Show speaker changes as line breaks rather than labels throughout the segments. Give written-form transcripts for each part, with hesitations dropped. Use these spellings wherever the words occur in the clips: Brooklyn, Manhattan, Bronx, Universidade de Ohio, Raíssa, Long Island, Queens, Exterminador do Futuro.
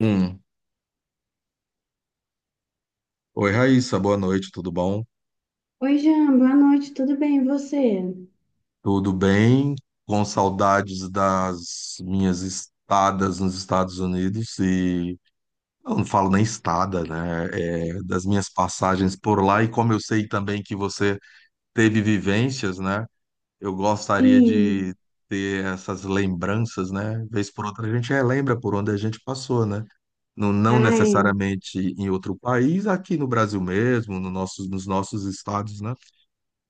Um. Oi, Raíssa, boa noite, tudo bom?
Oi, Jean, boa noite, tudo bem? E você?
Tudo bem? Com saudades das minhas estadas nos Estados Unidos e eu não falo nem estada, né? É, das minhas passagens por lá e como eu sei também que você teve vivências, né? Eu gostaria de
Sim,
ter essas lembranças, né? Vez por outra a gente relembra por onde a gente passou, né? Não, não
ai,
necessariamente em outro país, aqui no Brasil mesmo, no nossos, nos nossos estados, né?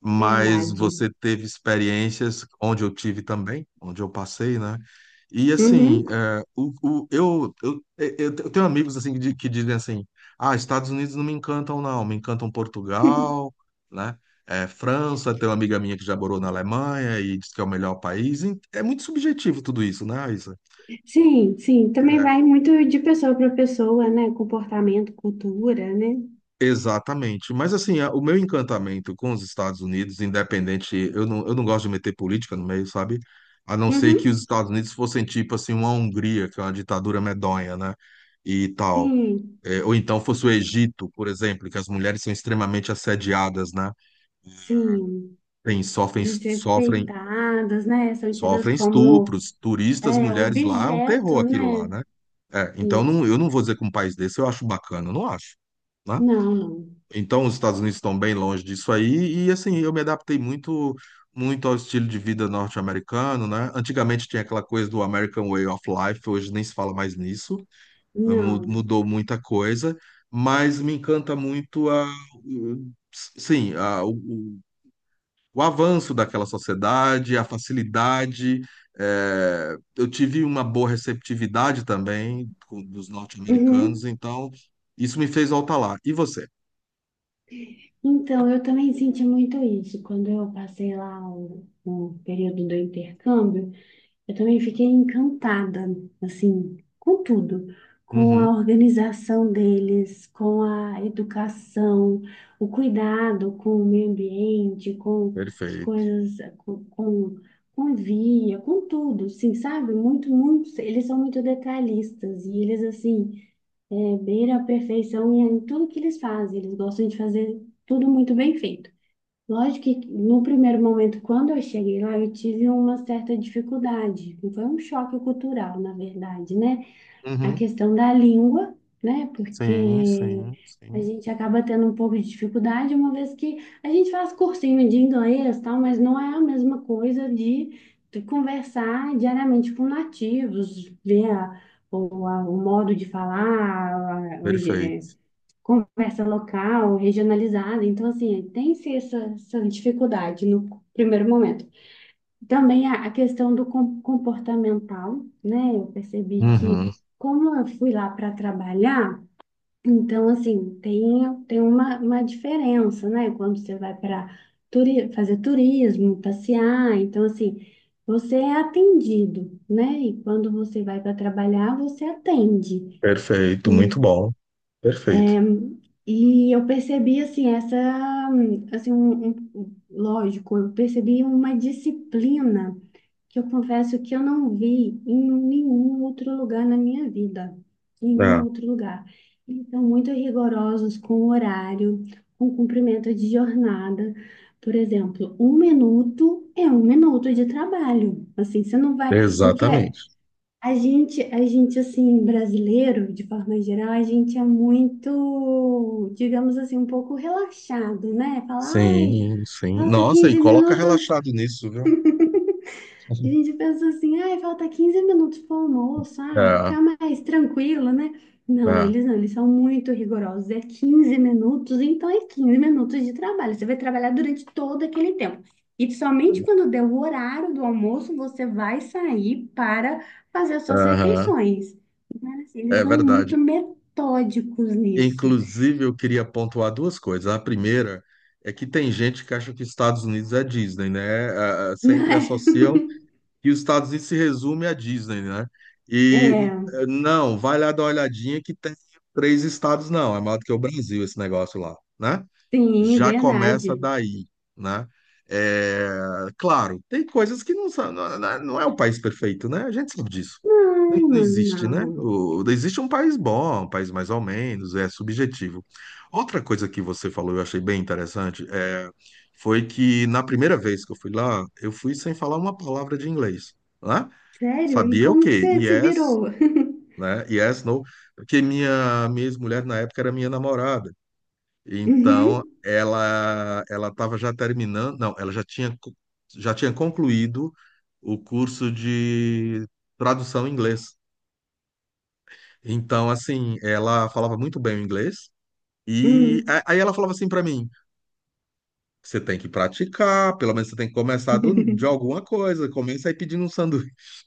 Mas
verdade.
você teve experiências onde eu tive também, onde eu passei, né? E assim,
Uhum.
é, o, eu tenho amigos assim que dizem assim, ah, Estados Unidos não me encantam, não, me encantam Portugal, né? É, França, tem uma amiga minha que já morou na Alemanha e diz que é o melhor país. É muito subjetivo tudo isso, né, Isa?
Sim, sim, também
É.
vai muito de pessoa para pessoa, né? Comportamento, cultura, né?
Exatamente. Mas assim, o meu encantamento com os Estados Unidos, independente, eu não gosto de meter política no meio, sabe? A não ser que
Uhum.
os Estados Unidos fossem tipo assim uma Hungria, que é uma ditadura medonha, né? E tal.
Sim,
É, ou então fosse o Egito, por exemplo, que as mulheres são extremamente assediadas, né?
sim,
Tem, sofrem, sofrem,
desrespeitadas, né? São tidas
sofrem
como
estupros, turistas, mulheres lá, é um terror
objeto,
aquilo lá,
né?
né? É, então
Sim.
não, eu não vou dizer que um país desse eu acho bacana, eu não acho, né?
Não, não,
Então, os Estados Unidos estão bem longe disso aí, e assim, eu me adaptei muito, muito ao estilo de vida norte-americano, né? Antigamente tinha aquela coisa do American Way of Life, hoje nem se fala mais nisso, mu-
não.
mudou muita coisa, mas me encanta muito, sim, o avanço daquela sociedade, a facilidade. Eu tive uma boa receptividade também dos norte-americanos,
Uhum.
então isso me fez voltar lá. E você?
Então, eu também senti muito isso quando eu passei lá o período do intercâmbio. Eu também fiquei encantada, assim, com tudo, com a
Uhum,
organização deles, com a educação, o cuidado com o meio ambiente, com as
perfeito.
coisas, com tudo, assim, sabe? Muito, muito, eles são muito detalhistas e eles, assim, beiram a perfeição em tudo que eles fazem, eles gostam de fazer tudo muito bem feito. Lógico que no primeiro momento, quando eu cheguei lá, eu tive uma certa dificuldade. Foi um choque cultural, na verdade, né? A
Uhum.
questão da língua, né?
Sim,
Porque
sim,
a
sim.
gente acaba tendo um pouco de dificuldade, uma vez que a gente faz cursinho de inglês, tal, mas não é a mesma coisa de conversar diariamente com nativos, ver o modo de falar,
Perfeito.
conversa local, regionalizada. Então, assim, tem-se essa dificuldade no primeiro momento. Também a questão do comportamental, né? Eu percebi
Uhum.
que, como eu fui lá para trabalhar, então, assim, tem uma diferença, né? Quando você vai para turi fazer turismo, passear, então, assim. Você é atendido, né? E quando você vai para trabalhar, você atende.
Perfeito, muito bom. Perfeito.
E eu percebi, assim, essa, assim, lógico, eu percebi uma disciplina que eu confesso que eu não vi em nenhum outro lugar na minha vida, em nenhum
Ah,
outro lugar. Eles são muito rigorosos com o horário, com cumprimento de jornada. Por exemplo, um minuto é um minuto de trabalho. Assim, você não vai, porque
exatamente.
a gente, assim, brasileiro, de forma geral, a gente é muito, digamos assim, um pouco relaxado, né? Fala, ai,
Sim, sim.
falta
Nossa, e
15
coloca
minutos.
relaxado nisso, viu?
A gente pensa assim, ai, falta 15 minutos para o almoço, ah,
Ah,
ficar mais tranquilo, né? Não,
ah,
eles não, eles são muito rigorosos. É 15 minutos, então é 15 minutos de trabalho. Você vai trabalhar durante todo aquele tempo. E somente quando der o horário do almoço, você vai sair para fazer as suas
aham.
refeições. Eles
É
são
verdade.
muito metódicos nisso.
Inclusive, eu queria pontuar duas coisas. A primeira é que tem gente que acha que Estados Unidos é Disney, né? Ah, sempre
Mas,
associam que os Estados Unidos se resume à Disney, né? E
é,
não, vai lá dar uma olhadinha que tem três estados, não. É maior do que o Brasil esse negócio lá, né?
sim,
Já começa
verdade.
daí, né? É, claro, tem coisas que não são, não, não é o país perfeito, né? A gente sabe disso. Não, não
Não,
existe,
não,
né?
não.
Existe um país bom, um país mais ou menos, é subjetivo. Outra coisa que você falou, eu achei bem interessante, é, foi que na primeira vez que eu fui lá, eu fui sem falar uma palavra de inglês, né?
Sério? E
Sabia o
como que
quê?
você se
Yes,
virou?
né? Yes, no, porque minha ex-mulher na época era minha namorada. Então,
Uhum,
ela estava já terminando, não, ela já tinha já tinha concluído o curso de tradução em inglês. Então, assim, ela falava muito bem o inglês e
hum.
a- aí ela falava assim para mim: "Você tem que praticar, pelo menos você tem que começar de alguma coisa, começa aí pedindo um sanduíche".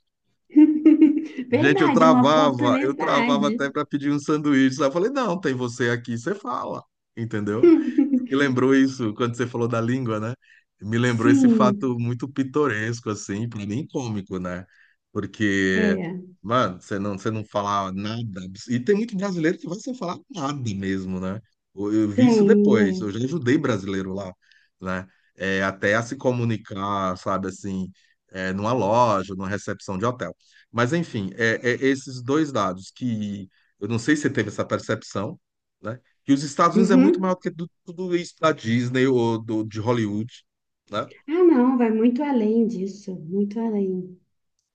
Gente, eu
Verdade, é uma
travava, eu travava
oportunidade.
até para pedir um sanduíche. Aí eu falei: "Não, tem você aqui, você fala". Entendeu? Me lembrou isso quando você falou da língua, né? Me lembrou esse fato
Sim,
muito pitoresco, assim, pra mim cômico, né? Porque,
é,
mano, você não fala nada. E tem muito brasileiro que vai sem falar nada mesmo, né? Eu vi isso
tem,
depois.
é.
Eu já ajudei brasileiro lá, né? É, até a se comunicar, sabe, assim, é, numa loja, numa recepção de hotel. Mas, enfim, é esses dois dados que eu não sei se você teve essa percepção. Né? Que os Estados Unidos é muito maior
Uhum.
do que tudo isso da Disney ou do, de Hollywood, né?
Ah, não, vai muito além disso, muito além.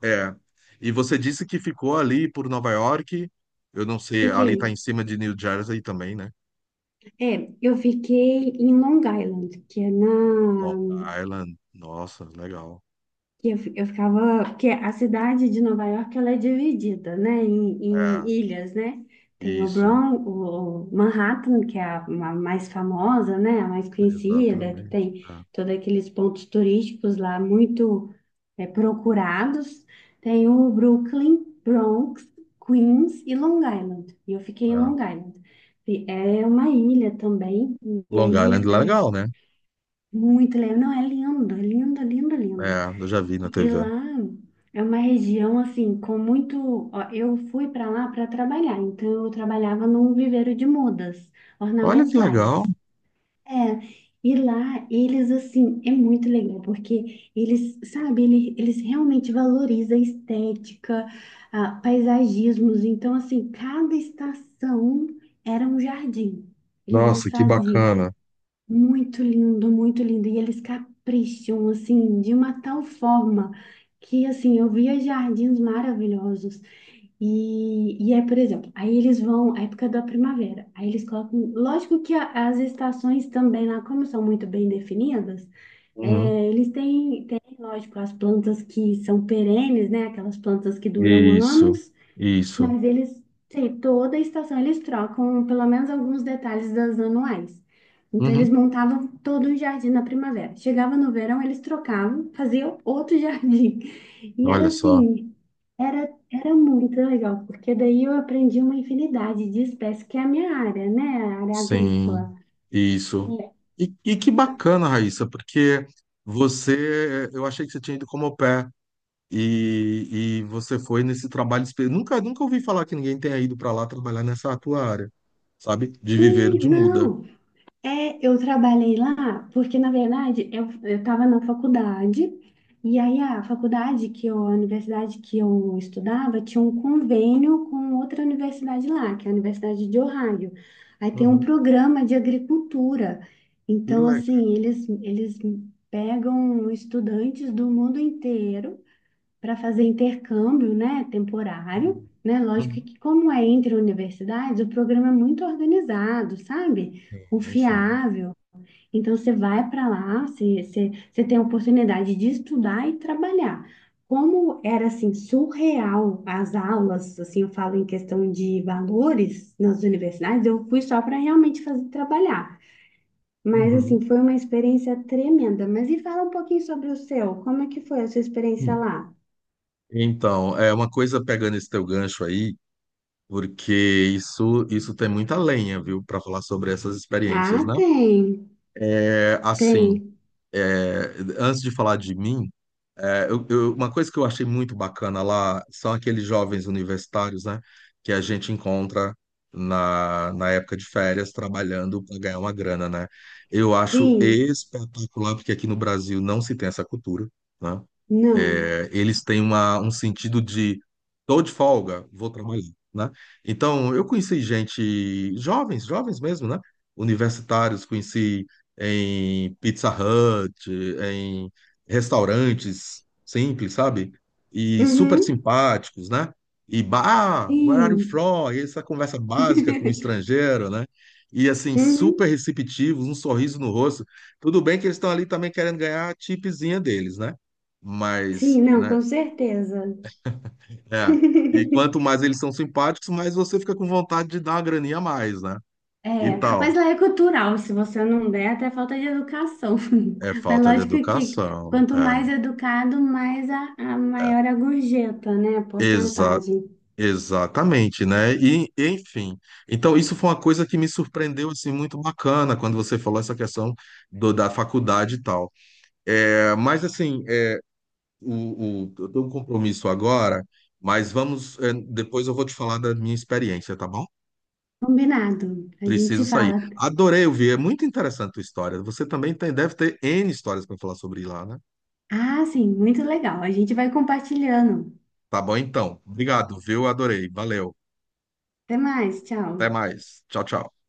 É. E você disse que ficou ali por Nova York, eu não sei, ali tá
Fiquei,
em cima de New Jersey também, né?
é, eu fiquei em Long Island, que é
Long
na
Island, nossa, legal.
que eu ficava, porque a cidade de Nova York ela é dividida, né, em,
É,
em ilhas, né? Tem o
isso,
Bronx, o Manhattan, que é a mais famosa, né, a mais conhecida, que
exatamente.
tem
É,
todos aqueles pontos turísticos lá muito procurados. Tem o Brooklyn, Bronx, Queens e Long Island. E eu fiquei em
é.
Long Island. E é uma ilha também, e
Long
aí
Island, é
eu,
legal, né?
muito legal. Não, é lindo, lindo, lindo.
É, eu já vi na
E
TV.
lá é uma região assim com muito. Ó, eu fui para lá para trabalhar, então eu trabalhava num viveiro de mudas
Olha que legal.
ornamentais. É, e lá eles assim é muito legal porque eles, sabe, eles realmente valorizam a estética, ah, paisagismos. Então assim, cada estação era um jardim. Eles
Nossa, que
desfaziam
bacana.
muito lindo, muito lindo. E eles capricham, assim, de uma tal forma que, assim, eu via jardins maravilhosos. E, por exemplo, aí eles vão, a época da primavera, aí eles colocam. Lógico que as estações também lá, como são muito bem definidas,
Uhum.
eles têm, lógico, as plantas que são perenes, né? Aquelas plantas que duram
Isso,
anos.
isso.
Mas eles, sim, toda estação eles trocam pelo menos alguns detalhes das anuais. Então eles
Uhum.
montavam todo um jardim na primavera. Chegava no verão, eles trocavam, faziam outro jardim. E era
Olha só.
assim, era muito legal, porque daí eu aprendi uma infinidade de espécies, que é a minha área, né? A área
Sim,
agrícola.
isso.
É.
E que bacana, Raíssa, porque eu achei que você tinha ido como au pair e você foi nesse trabalho. Nunca, nunca ouvi falar que ninguém tenha ido para lá trabalhar nessa tua área, sabe? De viveiro
Sim,
de muda.
não. É, eu trabalhei lá porque, na verdade, eu estava na faculdade, e aí a universidade que eu estudava tinha um convênio com outra universidade lá, que é a Universidade de Ohio. Aí tem um
Uhum.
programa de agricultura.
Que
Então,
legal.
assim, eles pegam estudantes do mundo inteiro para fazer intercâmbio, né, temporário, né? Lógico
Uhum.
que como é entre universidades, o programa é muito organizado, sabe?
Sim, sim.
Confiável. Então você vai para lá, você tem a oportunidade de estudar e trabalhar. Como era assim surreal as aulas, assim eu falo em questão de valores nas universidades, eu fui só para realmente fazer trabalhar. Mas assim,
Uhum.
foi uma experiência tremenda. Mas e fala um pouquinho sobre o seu, como é que foi a sua experiência
Hum.
lá?
Então, é uma coisa pegando esse teu gancho aí, porque isso tem muita lenha, viu, para falar sobre essas experiências,
Ah,
né?
tem.
É, assim.
Tem.
É, antes de falar de mim, é, uma coisa que eu achei muito bacana lá são aqueles jovens universitários, né, que a gente encontra na época de férias trabalhando para ganhar uma grana, né? Eu acho
Sim.
espetacular, porque aqui no Brasil não se tem essa cultura, né?
Não.
É, eles têm uma, um sentido de tô de folga, vou trabalhar, né? Então, eu conheci gente, jovens, jovens mesmo, né? Universitários, conheci em Pizza Hut, em restaurantes simples, sabe? E super
Uhum.
simpáticos, né? E, ah, where are you
Sim.
from? E essa conversa básica com o estrangeiro, né? E assim, super
Uhum.
receptivos, um sorriso no rosto. Tudo bem que eles estão ali também querendo ganhar a tipezinha deles, né? Mas,
Sim, não,
né?
com certeza.
É. E quanto mais eles são simpáticos, mais você fica com vontade de dar uma graninha a mais, né? E
É, mas
tal.
lá é cultural, se você não der, até falta de educação.
É
Mas
falta de
lógico que
educação.
quanto
É.
mais educado, mais a
É.
maior a gorjeta, né? A
Exa
porcentagem.
exatamente, né? E, enfim. Então, isso foi uma coisa que me surpreendeu, assim, muito bacana quando você falou essa questão da faculdade e tal. É, mas, assim, é, eu tenho um compromisso agora, mas vamos. É, depois eu vou te falar da minha experiência, tá bom?
Combinado. A gente
Preciso
se
sair.
fala.
Adorei ouvir, é muito interessante a tua história. Você também tem, deve ter N histórias para falar sobre lá, né?
Ah, sim, muito legal. A gente vai compartilhando.
Tá bom então. Obrigado, viu? Adorei. Valeu.
Até mais,
Até
tchau.
mais. Tchau, tchau.